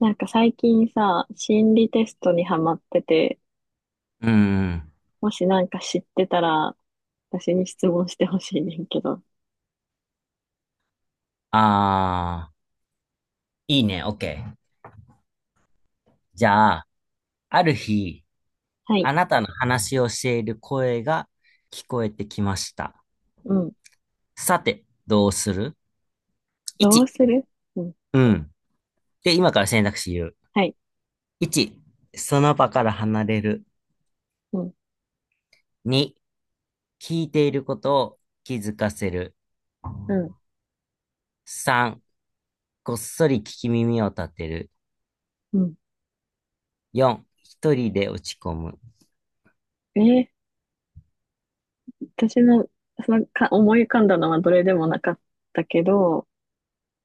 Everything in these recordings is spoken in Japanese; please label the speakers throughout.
Speaker 1: なんか最近さ、心理テストにハマってて、
Speaker 2: うん。
Speaker 1: もしなんか知ってたら、私に質問してほしいねんけど。
Speaker 2: ああ、いいね、オッケー。じゃあ、ある日、
Speaker 1: はい。
Speaker 2: あなたの話をしている声が聞こえてきました。
Speaker 1: うん。
Speaker 2: さて、どうする？
Speaker 1: どう
Speaker 2: 1、
Speaker 1: する？うん。
Speaker 2: うん。で、今から選択肢言う。
Speaker 1: はい。
Speaker 2: 1、その場から離れる。
Speaker 1: うん。
Speaker 2: 2、聞いていることを気づかせる。
Speaker 1: うん。
Speaker 2: 3、こっそり聞き耳を立てる。
Speaker 1: うん。
Speaker 2: 4、一人で落ち込む。
Speaker 1: えー私の、そのか、思い浮かんだのはどれでもなかったけど、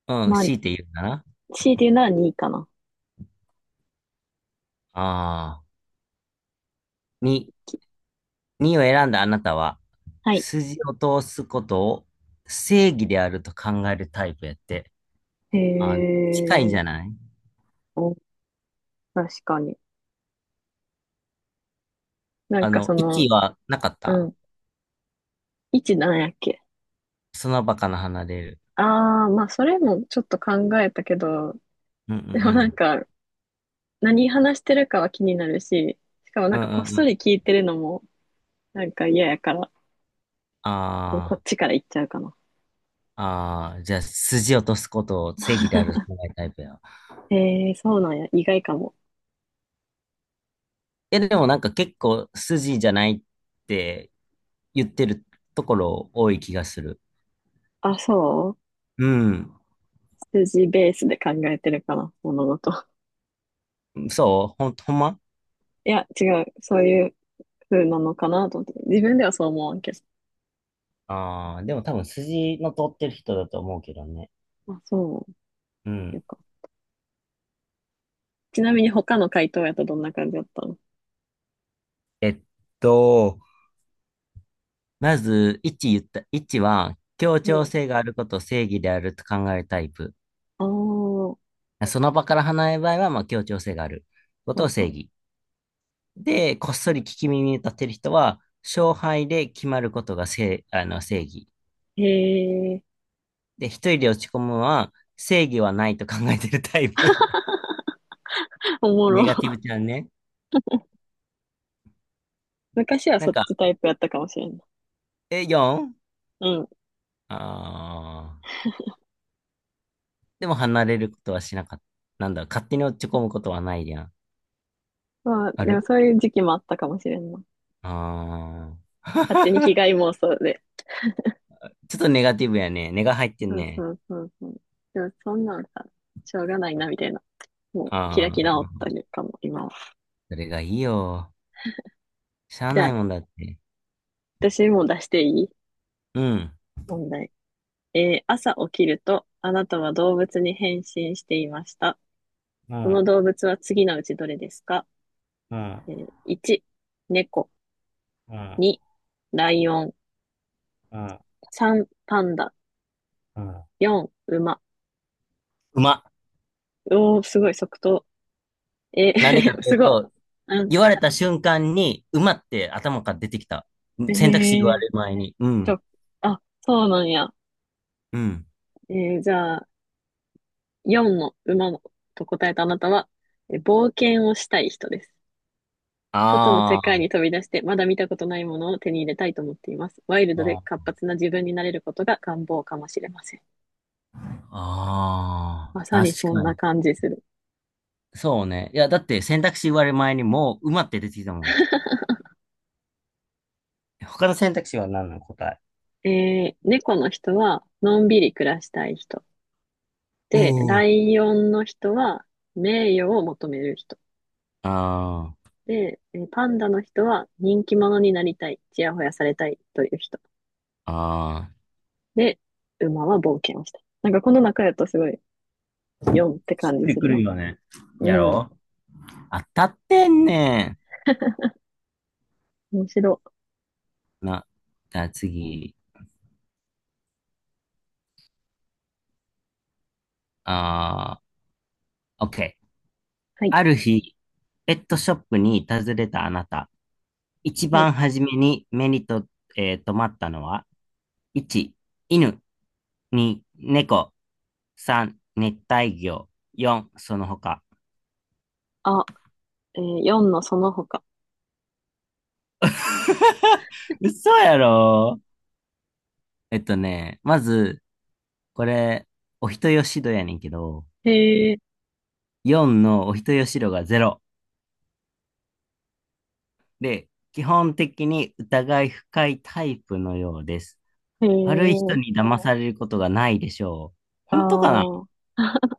Speaker 2: うん、
Speaker 1: まあ、
Speaker 2: 強いて言うかな。
Speaker 1: 強いて言うなら2いかな。
Speaker 2: ああ、2、2を選んだあなたは、
Speaker 1: はい。
Speaker 2: 筋を通すことを正義であると考えるタイプやって。あ、
Speaker 1: へ
Speaker 2: 近いんじ
Speaker 1: え、
Speaker 2: ゃない？
Speaker 1: お、確かに。なんかそ
Speaker 2: 1
Speaker 1: の、
Speaker 2: はなかっ
Speaker 1: う
Speaker 2: た？
Speaker 1: ん。位置なんやっけ？
Speaker 2: その場から離れる。
Speaker 1: ああー、まあそれもちょっと考えたけど、
Speaker 2: うんうんう
Speaker 1: でもなん
Speaker 2: ん。
Speaker 1: か、何話してるかは気になるし、しかもな
Speaker 2: う
Speaker 1: ん
Speaker 2: んう
Speaker 1: か
Speaker 2: ん
Speaker 1: こっ
Speaker 2: う
Speaker 1: そ
Speaker 2: ん。
Speaker 1: り聞いてるのもなんか嫌やから、こう、こ
Speaker 2: あ
Speaker 1: っちから行っちゃうかな。
Speaker 2: あ、ああ、じゃあ、筋を通すことを正義であると考えるタイプや。い
Speaker 1: えー、そうなんや。意外かも。
Speaker 2: や、でもなんか結構筋じゃないって言ってるところ多い気がする。
Speaker 1: あ、そう。
Speaker 2: うん。
Speaker 1: 数字ベースで考えてるかな、物事。
Speaker 2: そうほんま。
Speaker 1: いや、違う。そういう風なのかなと思って。自分ではそう思わんけど。
Speaker 2: ああー、でも多分筋の通ってる人だと思うけどね。
Speaker 1: あ、そ
Speaker 2: う
Speaker 1: う。
Speaker 2: ん。
Speaker 1: よか。ちなみに他の回答やとどんな感じだったの？
Speaker 2: えっと、まず、1言った。1は、協
Speaker 1: う
Speaker 2: 調
Speaker 1: ん。
Speaker 2: 性があることを正義であると考えるタイプ。
Speaker 1: ああ、う
Speaker 2: その場から離れる場合は、まあ、協調性があることを
Speaker 1: んう
Speaker 2: 正
Speaker 1: ん。
Speaker 2: 義。で、こっそり聞き耳に立てる人は、勝敗で決まることが正、あの、正義。
Speaker 1: へえ、
Speaker 2: で、一人で落ち込むのは、正義はないと考えてるタイプ。
Speaker 1: お もろ。
Speaker 2: ネガティブちゃんね。
Speaker 1: 昔は
Speaker 2: な
Speaker 1: そ
Speaker 2: ん
Speaker 1: っ
Speaker 2: か、
Speaker 1: ちタイプやったかもしれんな。
Speaker 2: え、4？
Speaker 1: うん。
Speaker 2: あー。でも離れることはしなかった。なんだ、勝手に落ち込むことはないやん。
Speaker 1: まあ、
Speaker 2: あ
Speaker 1: で
Speaker 2: る、
Speaker 1: もそういう時期もあったかもしれんな。
Speaker 2: あ
Speaker 1: 勝手に被
Speaker 2: あ。
Speaker 1: 害 妄想で。
Speaker 2: ちょっとネガティブやね。ネが入ってん
Speaker 1: そう
Speaker 2: ね。
Speaker 1: そうそうそう。でもそんなんさ、しょうがないな、みたいな。もう
Speaker 2: あ
Speaker 1: 開き直った
Speaker 2: あ。
Speaker 1: りかも、今は。
Speaker 2: それがいいよ。しゃあ
Speaker 1: じゃ
Speaker 2: な
Speaker 1: あ、
Speaker 2: いもんだって。
Speaker 1: 私も出していい？
Speaker 2: うん。
Speaker 1: 問題。朝起きると、あなたは動物に変身していました。
Speaker 2: う
Speaker 1: こ
Speaker 2: ん、
Speaker 1: の動物は次のうちどれですか？
Speaker 2: うん、
Speaker 1: 1、猫。
Speaker 2: うん、
Speaker 1: 2、ライオン。3、パンダ。
Speaker 2: うん。
Speaker 1: 4、馬。
Speaker 2: 馬。
Speaker 1: おー、すごい、即答。え
Speaker 2: なんでか
Speaker 1: ー
Speaker 2: とい
Speaker 1: す
Speaker 2: う
Speaker 1: ごい。
Speaker 2: と、
Speaker 1: うん。
Speaker 2: 言われた瞬間に、馬って頭から出てきた。
Speaker 1: え
Speaker 2: 選択肢言わ
Speaker 1: ー、
Speaker 2: れる前に。う
Speaker 1: ち
Speaker 2: ん。
Speaker 1: ょ、あ、そうなんや。
Speaker 2: うん。
Speaker 1: えじゃあ、4の馬のと答えたあなたは、冒険をしたい人です。外の世
Speaker 2: あ
Speaker 1: 界
Speaker 2: あ。
Speaker 1: に飛び出して、まだ見たことないものを手に入れたいと思っています。ワイルドで
Speaker 2: あ
Speaker 1: 活
Speaker 2: あ、
Speaker 1: 発な自分になれることが願望かもしれません。
Speaker 2: あ
Speaker 1: まさ
Speaker 2: あ、
Speaker 1: にそ
Speaker 2: 確
Speaker 1: ん
Speaker 2: か
Speaker 1: な
Speaker 2: に。
Speaker 1: 感じする。
Speaker 2: そうね。いや、だって選択肢言われる前にもう馬って出てきたもん。他の選択肢は何なの、答え？
Speaker 1: 猫の人は、のんびり暮らしたい人。
Speaker 2: う
Speaker 1: で、
Speaker 2: ん
Speaker 1: ラ
Speaker 2: ー。
Speaker 1: イオンの人は、名誉を求める人。
Speaker 2: ああ。
Speaker 1: で、パンダの人は、人気者になりたい、ちやほやされたいという人。
Speaker 2: ああ、
Speaker 1: で、馬は冒険をした。なんかこの中やとすごい4って
Speaker 2: し
Speaker 1: 感
Speaker 2: っ
Speaker 1: じ
Speaker 2: くり
Speaker 1: す
Speaker 2: く
Speaker 1: る
Speaker 2: る
Speaker 1: な。
Speaker 2: よね。や
Speaker 1: うん。
Speaker 2: ろう、当たってんね
Speaker 1: 面白い。
Speaker 2: ん。な、じゃあ次。ああ、OK。
Speaker 1: はい。
Speaker 2: ある日、ペットショップに訪れたあなた。一
Speaker 1: はい。
Speaker 2: 番初めに目にと、えー、留まったのは、1、犬、2、猫、3、熱帯魚、4、その他。
Speaker 1: あ、えー、4のその他。
Speaker 2: 嘘やろ？まず、これ、お人よしどやねんけど、
Speaker 1: へえ、
Speaker 2: 4のお人よしろが0で、基本的に疑い深いタイプのようです。
Speaker 1: へえ、
Speaker 2: 悪い人に騙されることがないでしょう。本当かな？
Speaker 1: ああ。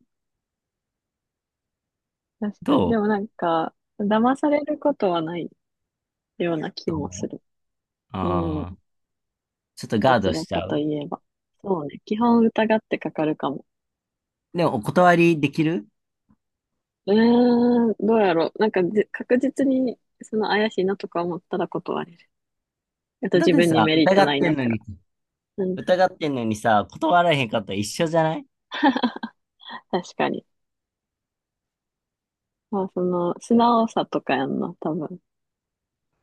Speaker 1: 確かに。
Speaker 2: ど
Speaker 1: で
Speaker 2: う？
Speaker 1: もなんか、騙されることはないような気
Speaker 2: と
Speaker 1: も
Speaker 2: 思
Speaker 1: す
Speaker 2: う。
Speaker 1: る。う
Speaker 2: あ
Speaker 1: ん。
Speaker 2: あ、ちょっと
Speaker 1: ど
Speaker 2: ガー
Speaker 1: ち
Speaker 2: ド
Speaker 1: ら
Speaker 2: しち
Speaker 1: か
Speaker 2: ゃ
Speaker 1: と
Speaker 2: う。
Speaker 1: いえば。そうね。基本疑ってかかるかも。
Speaker 2: でも、お断りできる？
Speaker 1: うーん。どうやろう。なんかじ、確実に、その怪しいなとか思ったら断れる。あと
Speaker 2: だっ
Speaker 1: 自
Speaker 2: て
Speaker 1: 分に
Speaker 2: さ、
Speaker 1: メリット
Speaker 2: 疑っ
Speaker 1: ない
Speaker 2: て
Speaker 1: な
Speaker 2: んの
Speaker 1: とか。
Speaker 2: に、
Speaker 1: うん。
Speaker 2: 疑ってんのにさ、断られへんかったら一緒じゃない？
Speaker 1: 確かに。まあ、その、素直さとかやんな、多分。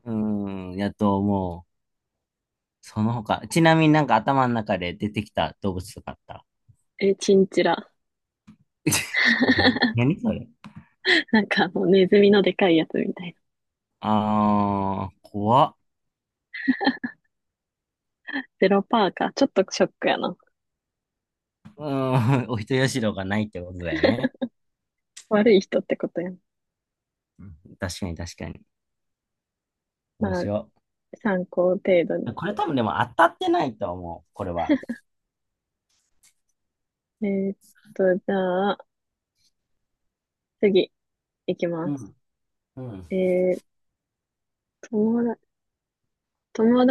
Speaker 2: うーん、やと思う。その他。ちなみになんか頭の中で出てきた動物とかあった？
Speaker 1: え、チンチラ。
Speaker 2: 何それ？
Speaker 1: なんかもうネズミのでかいやつみたいな。
Speaker 2: あー、怖っ。
Speaker 1: ゼロパーか。ちょっとショックやな。
Speaker 2: うーん、お人よしろがないってことだよね。
Speaker 1: 悪い人ってことやん。
Speaker 2: 確かに確かに。面
Speaker 1: まあ、
Speaker 2: 白
Speaker 1: 参考程度に。
Speaker 2: い。これ多分でも当たってないと思う、これは。
Speaker 1: えーっじゃあ、次、いき
Speaker 2: う
Speaker 1: ます。
Speaker 2: ん。うん。
Speaker 1: えー、友だ、友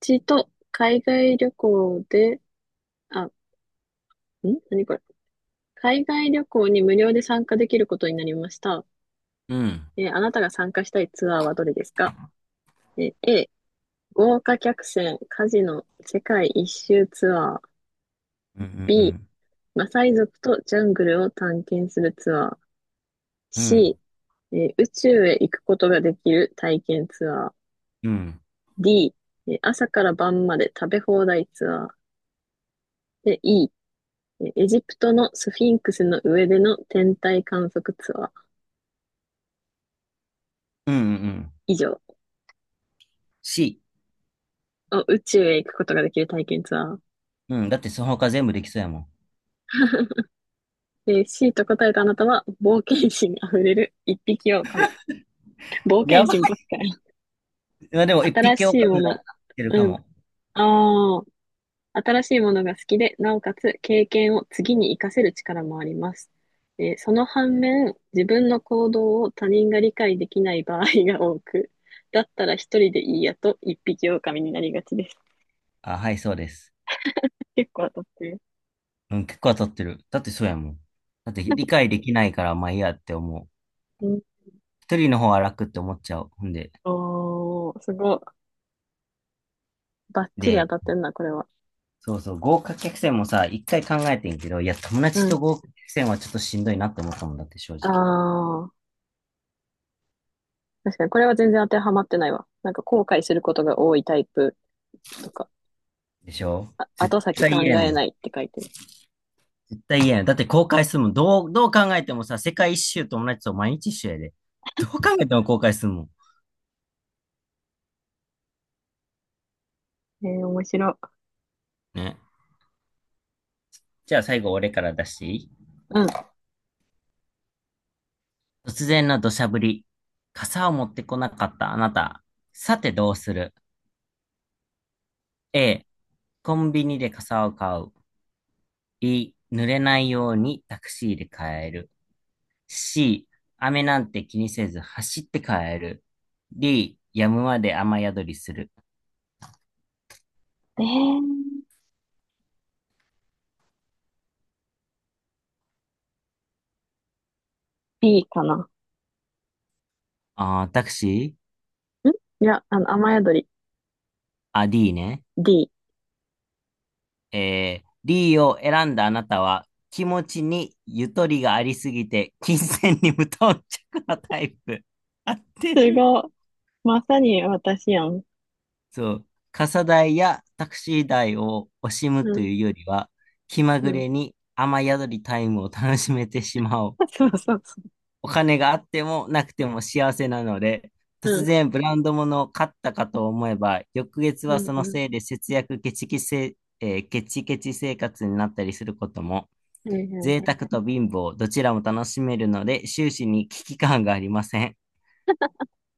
Speaker 1: 達と海外旅行で、あ、ん何これ。海外旅行に無料で参加できることになりました。
Speaker 2: うん。
Speaker 1: あなたが参加したいツアーはどれですか？A、豪華客船カジノ世界一周ツアー。
Speaker 2: うんう
Speaker 1: B、
Speaker 2: ん
Speaker 1: マサイ族とジャングルを探検するツアー。
Speaker 2: うん。うん。
Speaker 1: C、宇宙へ行くことができる体験ツアー。
Speaker 2: うん
Speaker 1: D、朝から晩まで食べ放題ツアー。で E、エジプトのスフィンクスの上での天体観測ツアー。
Speaker 2: うんうん。
Speaker 1: 以上。
Speaker 2: C。
Speaker 1: お、宇宙へ行くことができる体験ツアー。
Speaker 2: うん。だってその他全部できそうやも
Speaker 1: えー C と答えたあなたは、冒険心あふれる一匹狼。冒
Speaker 2: ん。や
Speaker 1: 険
Speaker 2: ば
Speaker 1: 心
Speaker 2: い。
Speaker 1: ばっかり。
Speaker 2: まあでも一
Speaker 1: 新
Speaker 2: 匹狼
Speaker 1: しい
Speaker 2: が
Speaker 1: も
Speaker 2: 合
Speaker 1: の。
Speaker 2: ってるか
Speaker 1: うん。
Speaker 2: も。
Speaker 1: ああ、新しいものが好きで、なおかつ経験を次に活かせる力もあります。その反面、自分の行動を他人が理解できない場合が多く、だったら一人でいいやと一匹狼になりがちです。
Speaker 2: あ、はい、そうです。
Speaker 1: 結構当たってる。
Speaker 2: うん、結構当たってる。だってそうやもん。だって理 解できないからまあいいやって思う。
Speaker 1: うん、
Speaker 2: 一人の方は楽って思っちゃう。ほんで。
Speaker 1: おー、すごい。バッチリ当
Speaker 2: で、
Speaker 1: たってんな、これは。
Speaker 2: そうそう、豪華客船もさ、一回考えてんけど、いや、友
Speaker 1: う
Speaker 2: 達と
Speaker 1: ん。
Speaker 2: 豪華客船はちょっとしんどいなって思ったもんだって、正
Speaker 1: あ
Speaker 2: 直。
Speaker 1: あ、確かにこれは全然当てはまってないわ。なんか後悔することが多いタイプとか、
Speaker 2: でしょ？
Speaker 1: あ、
Speaker 2: 絶
Speaker 1: 後先
Speaker 2: 対
Speaker 1: 考
Speaker 2: 嫌やも
Speaker 1: えな
Speaker 2: ん。
Speaker 1: いって書いてる。
Speaker 2: 絶対嫌やん。だって公開するもん。どう考えてもさ、世界一周友達と毎日一緒やで。どう考えても公開するもん。
Speaker 1: えー、面白い。
Speaker 2: ね。じゃあ最後俺から出していい？
Speaker 1: うん。
Speaker 2: 突然の土砂降り。傘を持ってこなかったあなた。さてどうする？ A、コンビニで傘を買う。B、濡れないようにタクシーで帰る。C、雨なんて気にせず走って帰る。D、やむまで雨宿りする。
Speaker 1: えー、B かな。ん、
Speaker 2: あー、タクシー、
Speaker 1: いや、あの、雨宿り。
Speaker 2: あ、D ね。
Speaker 1: D。
Speaker 2: D を選んだあなたは気持ちにゆとりがありすぎて金銭に無頓着なタイプ。合って
Speaker 1: す
Speaker 2: る。
Speaker 1: ごい。まさに私やん。
Speaker 2: そう。傘代やタクシー代を惜しむ
Speaker 1: う
Speaker 2: と
Speaker 1: ん、
Speaker 2: いうよりは気ま
Speaker 1: う
Speaker 2: ぐ
Speaker 1: ん。
Speaker 2: れに雨宿りタイムを楽しめてしまおう。
Speaker 1: そうそうそ
Speaker 2: お金があってもなくても幸せなので、
Speaker 1: う。う
Speaker 2: 突
Speaker 1: ん、
Speaker 2: 然ブランド物を買ったかと思えば、翌月
Speaker 1: う
Speaker 2: は
Speaker 1: ん、
Speaker 2: その
Speaker 1: う
Speaker 2: せいで節約ケチケチせ、えーケチケチ生活になったりすることも、
Speaker 1: ん。はいはい
Speaker 2: 贅
Speaker 1: はい。
Speaker 2: 沢と貧乏、どちらも楽しめるので、終始に危機感がありません。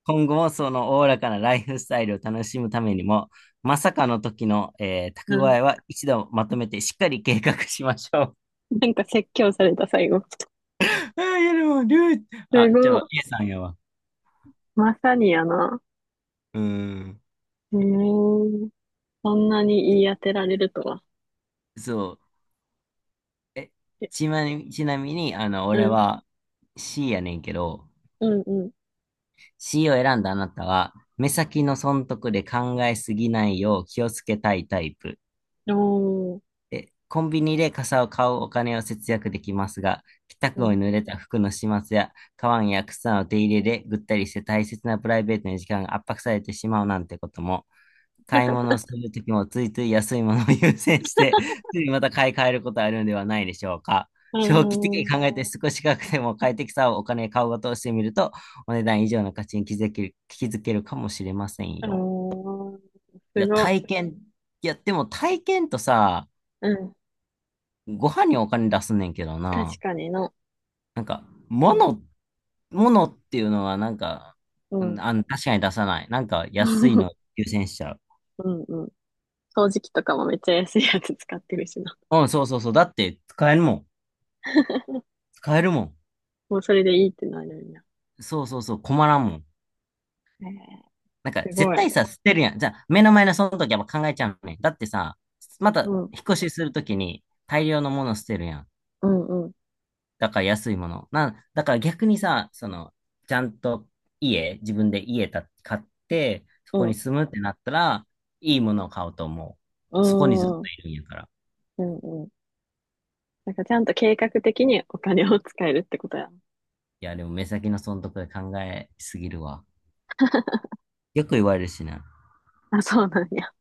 Speaker 2: 今後もそのおおらかなライフスタイルを楽しむためにも、まさかの時の、蓄
Speaker 1: うん。
Speaker 2: えは一度まとめてしっかり計画しましょう。
Speaker 1: なんか説教された最後。
Speaker 2: あー、いやでも、
Speaker 1: す
Speaker 2: あ、じ
Speaker 1: ご
Speaker 2: ゃ
Speaker 1: い。
Speaker 2: あ、A さんやわ。
Speaker 1: まさにやな。
Speaker 2: うーん。
Speaker 1: えー、そんなに言い当てられるとは。
Speaker 2: そう。え、
Speaker 1: え、
Speaker 2: ちなみに、あの、
Speaker 1: う
Speaker 2: 俺
Speaker 1: ん、
Speaker 2: は C やねんけど、
Speaker 1: うん、う
Speaker 2: C を選んだあなたは、目先の損得で考えすぎないよう気をつけたいタイプ。
Speaker 1: ん。おー、
Speaker 2: え、コンビニで傘を買うお金を節約できますが、帰宅
Speaker 1: う
Speaker 2: 後
Speaker 1: ん、
Speaker 2: に濡れた服の始末や、カバンや靴の手入れでぐったりして大切なプライベートの時間が圧迫されてしまうなんてことも、買い物をするときもついつい安いものを 優先して、ついまた買い替えることあるんではないでしょうか。
Speaker 1: う
Speaker 2: 長期的に
Speaker 1: ん、
Speaker 2: 考えて少し高くても快適さをお金買うことをしてみると、お値段以上の価値に気づけるかもしれません
Speaker 1: うん。
Speaker 2: よ。
Speaker 1: おー、
Speaker 2: い
Speaker 1: す
Speaker 2: や、
Speaker 1: ご
Speaker 2: でも体験とさ、
Speaker 1: い。うん。
Speaker 2: ご飯にお金出すねんけど
Speaker 1: 確
Speaker 2: な。
Speaker 1: かにな。
Speaker 2: なんか、
Speaker 1: うん、
Speaker 2: 物、物っていうのはなんか、
Speaker 1: う
Speaker 2: うん
Speaker 1: ん。
Speaker 2: 、確かに出さない。なんか安いの 優先しちゃう。
Speaker 1: うん、うん。掃除機とかもめっちゃ安いやつ使ってるしな。
Speaker 2: うん、そうそうそう。だって使えるもん。使えるもん。
Speaker 1: もうそれでいいってなるよ
Speaker 2: そうそうそう、困らんもん。
Speaker 1: な。へえ、
Speaker 2: なんか、
Speaker 1: す
Speaker 2: 絶
Speaker 1: ごい。
Speaker 2: 対さ、捨てるやん。じゃあ、目の前のその時はやっぱ考えちゃうね。だってさ、ま
Speaker 1: う
Speaker 2: た、
Speaker 1: ん、
Speaker 2: 引っ越しするときに大量のもの捨てるやん。
Speaker 1: うん、うん、
Speaker 2: だから安いもの。なんだから逆にさ、その、ちゃんと自分で家た買って、そ
Speaker 1: う
Speaker 2: こに
Speaker 1: ん、
Speaker 2: 住むってなったら、いいものを買おうと思う。
Speaker 1: う
Speaker 2: そこにずっと
Speaker 1: ん、
Speaker 2: いるんやから。
Speaker 1: うん、うん。なんかちゃんと計画的にお金を使えるってことや。
Speaker 2: いや、でも目先の損得で考えすぎるわ。よく言われるしな。
Speaker 1: あ、そうなんや。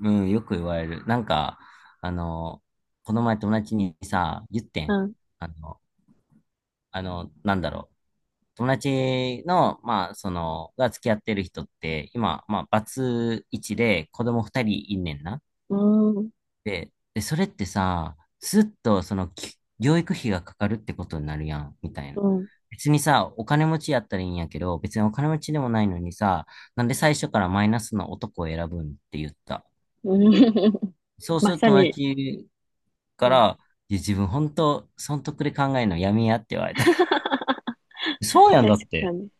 Speaker 2: うん、よく言われる。なんか、あの、この前友達にさ、言って
Speaker 1: う
Speaker 2: ん。
Speaker 1: ん、
Speaker 2: あの、なんだろう。友達の、まあ、その、が付き合ってる人って、今、まあ、バツイチで子供二人いんねんな。
Speaker 1: うん、
Speaker 2: で、それってさ、ずっと、その、教育費がかかるってことになるやん、みたいな。
Speaker 1: うん、
Speaker 2: 別にさ、お金持ちやったらいいんやけど、別にお金持ちでもないのにさ、なんで最初からマイナスの男を選ぶんって言った。
Speaker 1: うん。
Speaker 2: そうす
Speaker 1: ま
Speaker 2: ると
Speaker 1: さ
Speaker 2: 友
Speaker 1: に。
Speaker 2: 達か
Speaker 1: うん、
Speaker 2: ら、いや、自分本当、損得で考えるのやめやって言われ た。
Speaker 1: 確
Speaker 2: そうやんだっ
Speaker 1: か
Speaker 2: て。
Speaker 1: に。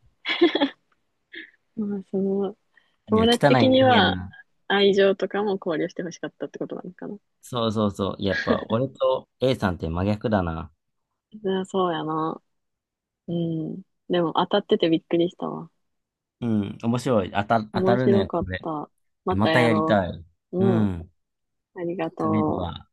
Speaker 1: まあ、その、
Speaker 2: い
Speaker 1: 友
Speaker 2: や、
Speaker 1: 達
Speaker 2: 汚
Speaker 1: 的
Speaker 2: い人
Speaker 1: に
Speaker 2: 間や
Speaker 1: は
Speaker 2: な。
Speaker 1: 愛情とかも考慮してほしかったってことなのかな。
Speaker 2: そうそうそう。やっぱ、俺と A さんって真逆だな。
Speaker 1: いやそうやな。うん。でも当たっててびっくりしたわ。
Speaker 2: うん、面白い。当た
Speaker 1: 面
Speaker 2: る
Speaker 1: 白
Speaker 2: ね、
Speaker 1: かっ
Speaker 2: これ。
Speaker 1: た。また
Speaker 2: また
Speaker 1: や
Speaker 2: やり
Speaker 1: ろ
Speaker 2: たい。
Speaker 1: う。
Speaker 2: う
Speaker 1: うん。
Speaker 2: ん。
Speaker 1: ありが
Speaker 2: それで
Speaker 1: とう。
Speaker 2: は。